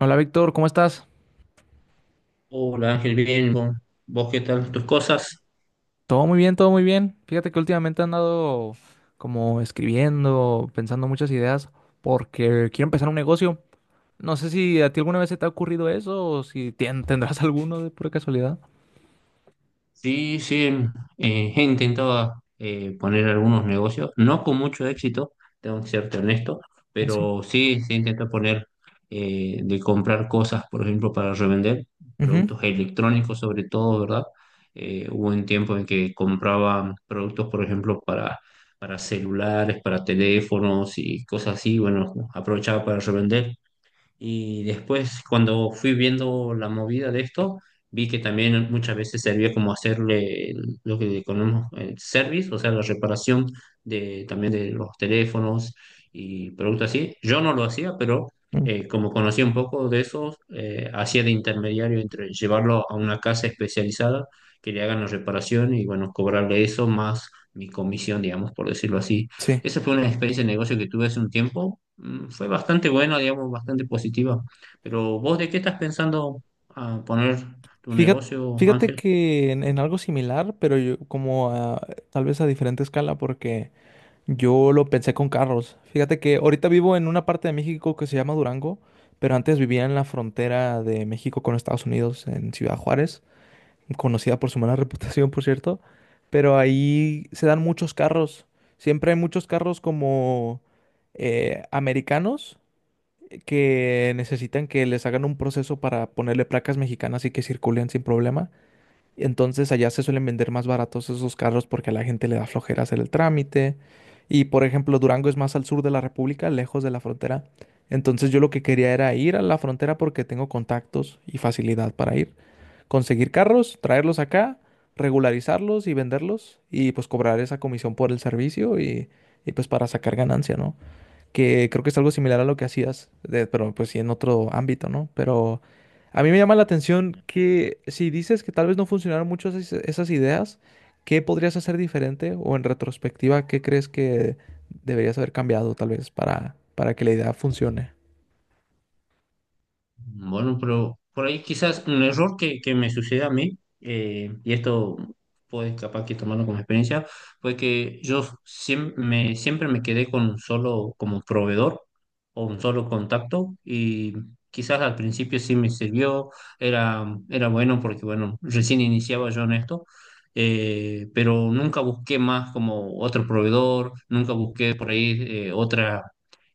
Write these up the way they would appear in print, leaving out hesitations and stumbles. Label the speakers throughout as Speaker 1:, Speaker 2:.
Speaker 1: Hola Víctor, ¿cómo estás?
Speaker 2: Hola Ángel, bien, ¿vos qué tal? ¿Tus cosas?
Speaker 1: Todo muy bien, todo muy bien. Fíjate que últimamente he andado como escribiendo, pensando muchas ideas porque quiero empezar un negocio. No sé si a ti alguna vez se te ha ocurrido eso o si tendrás alguno de pura casualidad.
Speaker 2: Sí, sí, he intentado poner algunos negocios, no con mucho éxito, tengo que serte honesto,
Speaker 1: Ah, sí.
Speaker 2: pero sí, sí intento poner de comprar cosas, por ejemplo, para revender,
Speaker 1: Ujú.
Speaker 2: productos electrónicos sobre todo, ¿verdad? Hubo un tiempo en que compraba productos, por ejemplo, para celulares, para teléfonos y cosas así. Bueno, aprovechaba para revender. Y después, cuando fui viendo la movida de esto, vi que también muchas veces servía como hacerle lo que conocemos el service, o sea, la reparación de, también, de los teléfonos y productos así. Yo no lo hacía, pero
Speaker 1: Mm.
Speaker 2: como conocía un poco de eso, hacía de intermediario entre llevarlo a una casa especializada que le hagan la reparación y, bueno, cobrarle eso más mi comisión, digamos, por decirlo así.
Speaker 1: Sí.
Speaker 2: Esa fue una experiencia de negocio que tuve hace un tiempo. Fue bastante buena, digamos, bastante positiva. Pero vos, ¿de qué estás pensando a poner tu
Speaker 1: Fíjate,
Speaker 2: negocio,
Speaker 1: fíjate
Speaker 2: Ángel?
Speaker 1: que en algo similar, pero yo como tal vez a diferente escala, porque yo lo pensé con carros. Fíjate que ahorita vivo en una parte de México que se llama Durango, pero antes vivía en la frontera de México con Estados Unidos, en Ciudad Juárez, conocida por su mala reputación, por cierto. Pero ahí se dan muchos carros. Siempre hay muchos carros como americanos que necesitan que les hagan un proceso para ponerle placas mexicanas y que circulen sin problema. Entonces allá se suelen vender más baratos esos carros porque a la gente le da flojera hacer el trámite. Y por ejemplo, Durango es más al sur de la República, lejos de la frontera. Entonces yo lo que quería era ir a la frontera porque tengo contactos y facilidad para ir. Conseguir carros, traerlos acá, regularizarlos y venderlos y pues cobrar esa comisión por el servicio y pues para sacar ganancia, ¿no? Que creo que es algo similar a lo que hacías, pero pues sí en otro ámbito, ¿no? Pero a mí me llama la atención que si dices que tal vez no funcionaron mucho esas ideas, ¿qué podrías hacer diferente? O en retrospectiva, ¿qué crees que deberías haber cambiado tal vez para que la idea funcione?
Speaker 2: Bueno, pero por ahí quizás un error que me sucede a mí, y esto puedes capaz que tomarlo como experiencia, fue que yo siempre me quedé con un solo como proveedor o un solo contacto y quizás al principio sí me sirvió, era bueno porque bueno, recién iniciaba yo en esto, pero nunca busqué más como otro proveedor, nunca busqué por ahí otra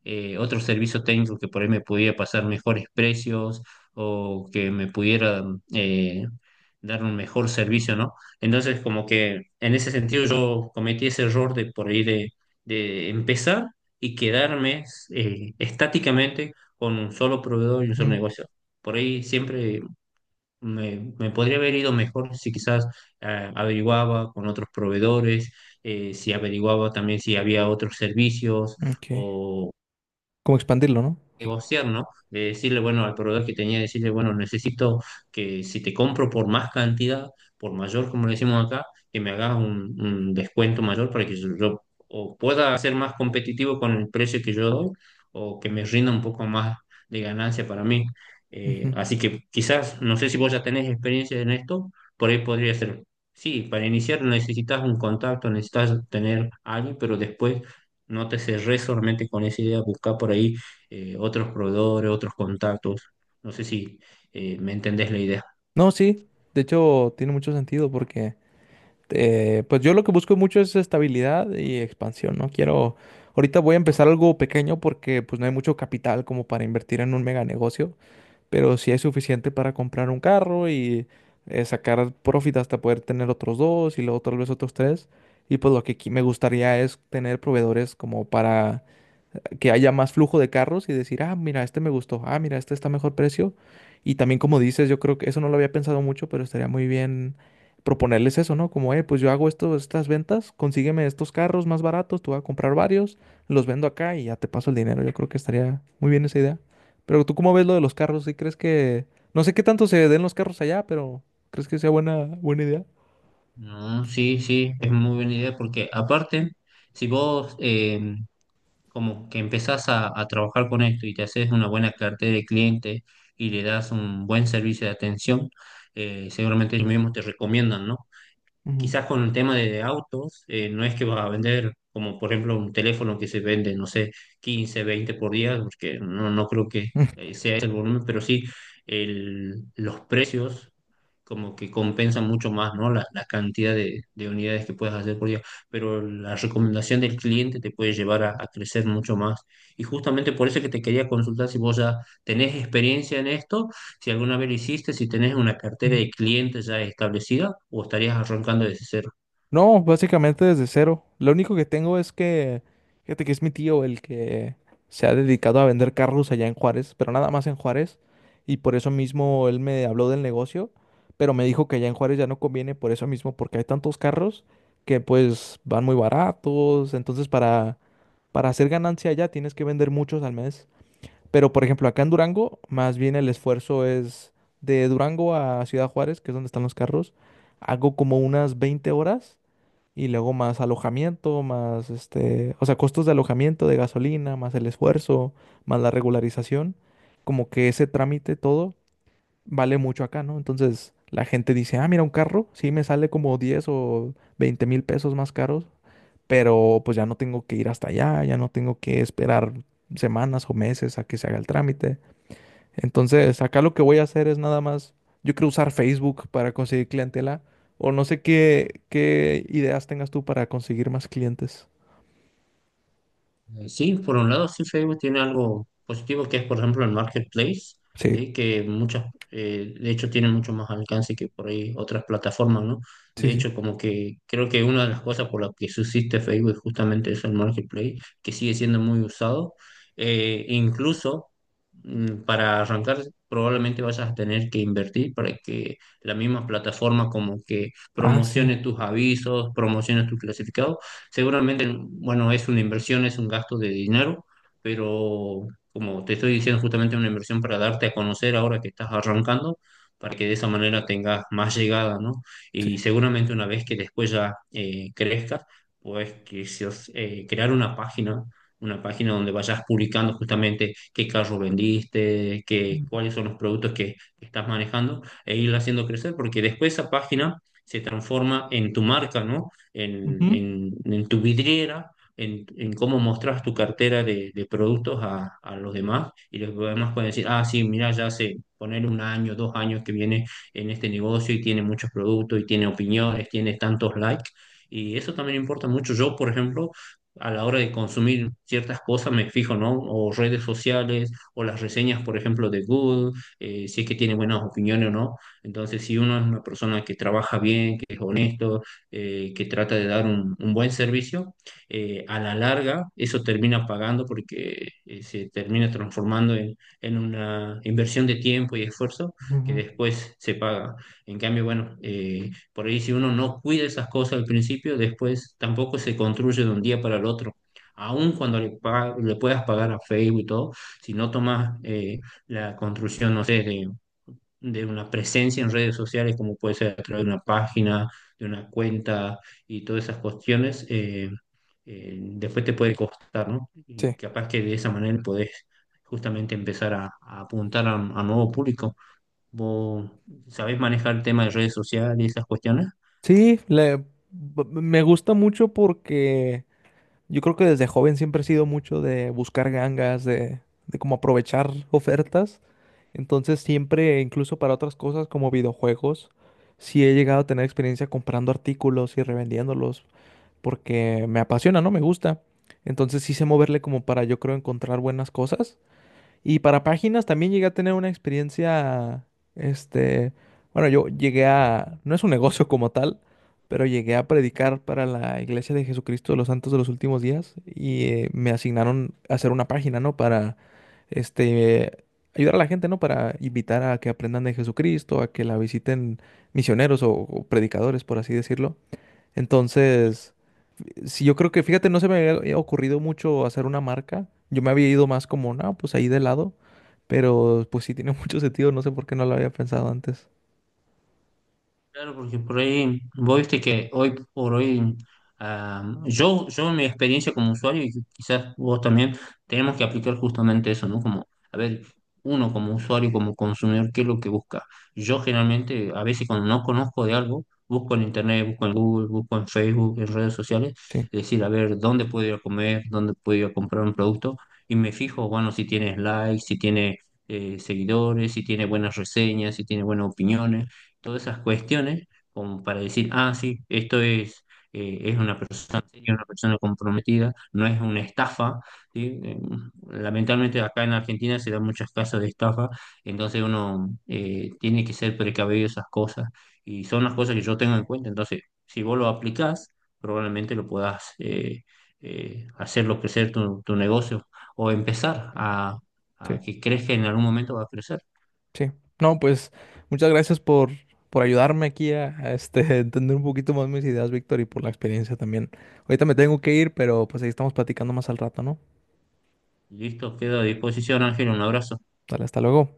Speaker 2: otro servicio técnico que por ahí me pudiera pasar mejores precios o que me pudiera eh, dar un mejor servicio, ¿no? Entonces, como que en ese sentido yo cometí ese error de por ahí de empezar y quedarme estáticamente con un solo proveedor y un solo
Speaker 1: Mm.
Speaker 2: negocio. Por ahí siempre me podría haber ido mejor si quizás averiguaba con otros proveedores, si averiguaba también si había otros servicios.
Speaker 1: Ok. Como expandirlo, ¿no?
Speaker 2: Negociar, ¿no? De decirle, bueno, al proveedor que tenía, decirle, bueno, necesito que si te compro por más cantidad, por mayor, como le decimos acá, que me hagas un descuento mayor para que yo o pueda ser más competitivo con el precio que yo doy o que me rinda un poco más de ganancia para mí.
Speaker 1: Ujú.
Speaker 2: Así que quizás, no sé si vos ya tenés experiencia en esto, por ahí podría ser. Sí, para iniciar necesitas un contacto, necesitas tener a alguien, pero después no te cerrés solamente con esa idea, buscar por ahí otros proveedores, otros contactos. No sé si me entendés la idea.
Speaker 1: No, sí. De hecho, tiene mucho sentido porque pues yo lo que busco mucho es estabilidad y expansión, ¿no? Quiero, ahorita voy a empezar algo pequeño porque pues no hay mucho capital como para invertir en un mega negocio, pero sí hay suficiente para comprar un carro y sacar profit hasta poder tener otros dos y luego tal vez otros tres. Y pues lo que aquí me gustaría es tener proveedores como para que haya más flujo de carros y decir, ah, mira, este me gustó, ah, mira, este está a mejor precio. Y también como dices, yo creo que eso no lo había pensado mucho, pero estaría muy bien proponerles eso, ¿no? Como, pues yo hago esto, estas ventas, consígueme estos carros más baratos, tú vas a comprar varios, los vendo acá y ya te paso el dinero. Yo creo que estaría muy bien esa idea. Pero tú cómo ves lo de los carros, ¿sí crees que... no sé qué tanto se den los carros allá, pero ¿crees que sea buena, buena idea?
Speaker 2: No, sí, sí, es muy buena idea porque aparte, si vos como que empezás a trabajar con esto y te haces una buena cartera de clientes y le das un buen servicio de atención, seguramente ellos mismos te recomiendan, ¿no?
Speaker 1: Ujú.
Speaker 2: Quizás con el tema de autos, no es que vas a vender como por ejemplo un teléfono que se vende, no sé, 15, 20 por día, porque no, no creo que sea ese el volumen, pero sí los precios como que compensan mucho más, ¿no? La cantidad de unidades que puedes hacer por día, pero la recomendación del cliente te puede llevar a crecer mucho más. Y justamente por eso es que te quería consultar si vos ya tenés experiencia en esto, si alguna vez lo hiciste, si tenés una cartera de clientes ya establecida o estarías arrancando desde cero.
Speaker 1: No, básicamente desde cero. Lo único que tengo es que, fíjate que es mi tío el que se ha dedicado a vender carros allá en Juárez, pero nada más en Juárez. Y por eso mismo él me habló del negocio, pero me dijo que allá en Juárez ya no conviene por eso mismo, porque hay tantos carros que pues van muy baratos. Entonces para hacer ganancia allá tienes que vender muchos al mes. Pero por ejemplo acá en Durango, más bien el esfuerzo es de Durango a Ciudad Juárez, que es donde están los carros, hago como unas 20 horas y luego más alojamiento, más este, o sea, costos de alojamiento, de gasolina, más el esfuerzo, más la regularización. Como que ese trámite todo vale mucho acá, ¿no? Entonces la gente dice, ah, mira, un carro, sí me sale como 10 o 20.000 pesos más caros, pero pues ya no tengo que ir hasta allá, ya no tengo que esperar semanas o meses a que se haga el trámite. Entonces, acá lo que voy a hacer es nada más, yo quiero usar Facebook para conseguir clientela, o no sé qué, qué ideas tengas tú para conseguir más clientes.
Speaker 2: Sí, por un lado, sí, Facebook tiene algo positivo que es, por ejemplo, el marketplace,
Speaker 1: Sí,
Speaker 2: ¿sí? Que muchas, de hecho, tiene mucho más alcance que por ahí otras plataformas, ¿no?
Speaker 1: sí,
Speaker 2: De
Speaker 1: sí.
Speaker 2: hecho, como que creo que una de las cosas por las que subsiste Facebook es justamente eso, el marketplace, que sigue siendo muy usado. Incluso para arrancar, probablemente vayas a tener que invertir para que la misma plataforma como que
Speaker 1: Ah, sí,
Speaker 2: promocione tus avisos, promocione tus clasificados. Seguramente, bueno, es una inversión, es un gasto de dinero, pero como te estoy diciendo, justamente una inversión para darte a conocer ahora que estás arrancando, para que de esa manera tengas más llegada, ¿no?
Speaker 1: sí.
Speaker 2: Y seguramente una vez que después ya crezcas, pues que si os- crear una página donde vayas publicando justamente qué carro vendiste, cuáles son los productos que estás manejando e ir haciendo crecer, porque después esa página se transforma en tu marca, ¿no?
Speaker 1: Ujú.
Speaker 2: En tu vidriera, en cómo mostras tu cartera de productos a los demás y los demás pueden decir, ah, sí, mira, ya hace poner un año, dos años que viene en este negocio y tiene muchos productos y tiene opiniones, tiene tantos likes. Y eso también importa mucho. Yo, por ejemplo, a la hora de consumir ciertas cosas me fijo, ¿no? O redes sociales, o las reseñas, por ejemplo, de Google, si es que tiene buenas opiniones o no. Entonces, si uno es una persona que trabaja bien, que es honesto, que trata de dar un buen servicio, a la larga eso termina pagando porque se termina transformando en una inversión de tiempo y esfuerzo que
Speaker 1: Ujú.
Speaker 2: después se paga. En cambio, bueno, por ahí si uno no cuida esas cosas al principio, después tampoco se construye de un día para el otro. Aun cuando le puedas pagar a Facebook y todo, si no tomas la construcción, no sé, de una presencia en redes sociales, como puede ser a través de una página, de una cuenta y todas esas cuestiones, después te puede costar, ¿no? Y
Speaker 1: Sí.
Speaker 2: capaz que de esa manera podés justamente empezar a apuntar a un a nuevo público. ¿Vos sabés manejar el tema de redes sociales y esas cuestiones?
Speaker 1: Sí, me gusta mucho porque yo creo que desde joven siempre he sido mucho de buscar gangas, de cómo aprovechar ofertas. Entonces siempre, incluso para otras cosas como videojuegos, sí he llegado a tener experiencia comprando artículos y revendiéndolos porque me apasiona, ¿no? Me gusta. Entonces sí sé moverle como para yo creo encontrar buenas cosas. Y para páginas también llegué a tener una experiencia, este, bueno, yo llegué a, no es un negocio como tal, pero llegué a predicar para la Iglesia de Jesucristo de los Santos de los Últimos Días y me asignaron a hacer una página, ¿no? Para, este, ayudar a la gente, ¿no? Para invitar a que aprendan de Jesucristo, a que la visiten misioneros o predicadores, por así decirlo. Entonces, si yo creo que, fíjate, no se me había ocurrido mucho hacer una marca. Yo me había ido más como, no, pues ahí de lado. Pero pues sí tiene mucho sentido, no sé por qué no lo había pensado antes.
Speaker 2: Claro, porque por ahí, vos viste que hoy por hoy, ah, yo en mi experiencia como usuario, y quizás vos también, tenemos que aplicar justamente eso, ¿no? Como, a ver, uno como usuario, como consumidor, ¿qué es lo que busca? Yo generalmente, a veces cuando no conozco de algo, busco en internet, busco en Google, busco en Facebook, en redes sociales,
Speaker 1: Sí,
Speaker 2: es decir, a ver, ¿dónde puedo ir a comer? ¿Dónde puedo ir a comprar un producto? Y me fijo, bueno, si tiene likes, si tiene seguidores, si tiene buenas reseñas, si tiene buenas opiniones, todas esas cuestiones, como para decir, ah, sí, esto es una persona seria, una persona comprometida, no es una estafa, ¿sí? Lamentablemente acá en Argentina se dan muchos casos de estafa, entonces uno tiene que ser precavido de esas cosas y son las cosas que yo tengo en cuenta. Entonces, si vos lo aplicás, probablemente lo puedas hacerlo crecer tu negocio o empezar a
Speaker 1: sí,
Speaker 2: que crezca. En algún momento va a crecer.
Speaker 1: sí. No, pues muchas gracias por ayudarme aquí a, este, entender un poquito más mis ideas, Víctor, y por la experiencia también. Ahorita me tengo que ir, pero pues ahí estamos platicando más al rato, ¿no?
Speaker 2: Listo, quedo a disposición, Ángel, un abrazo.
Speaker 1: Dale, hasta luego.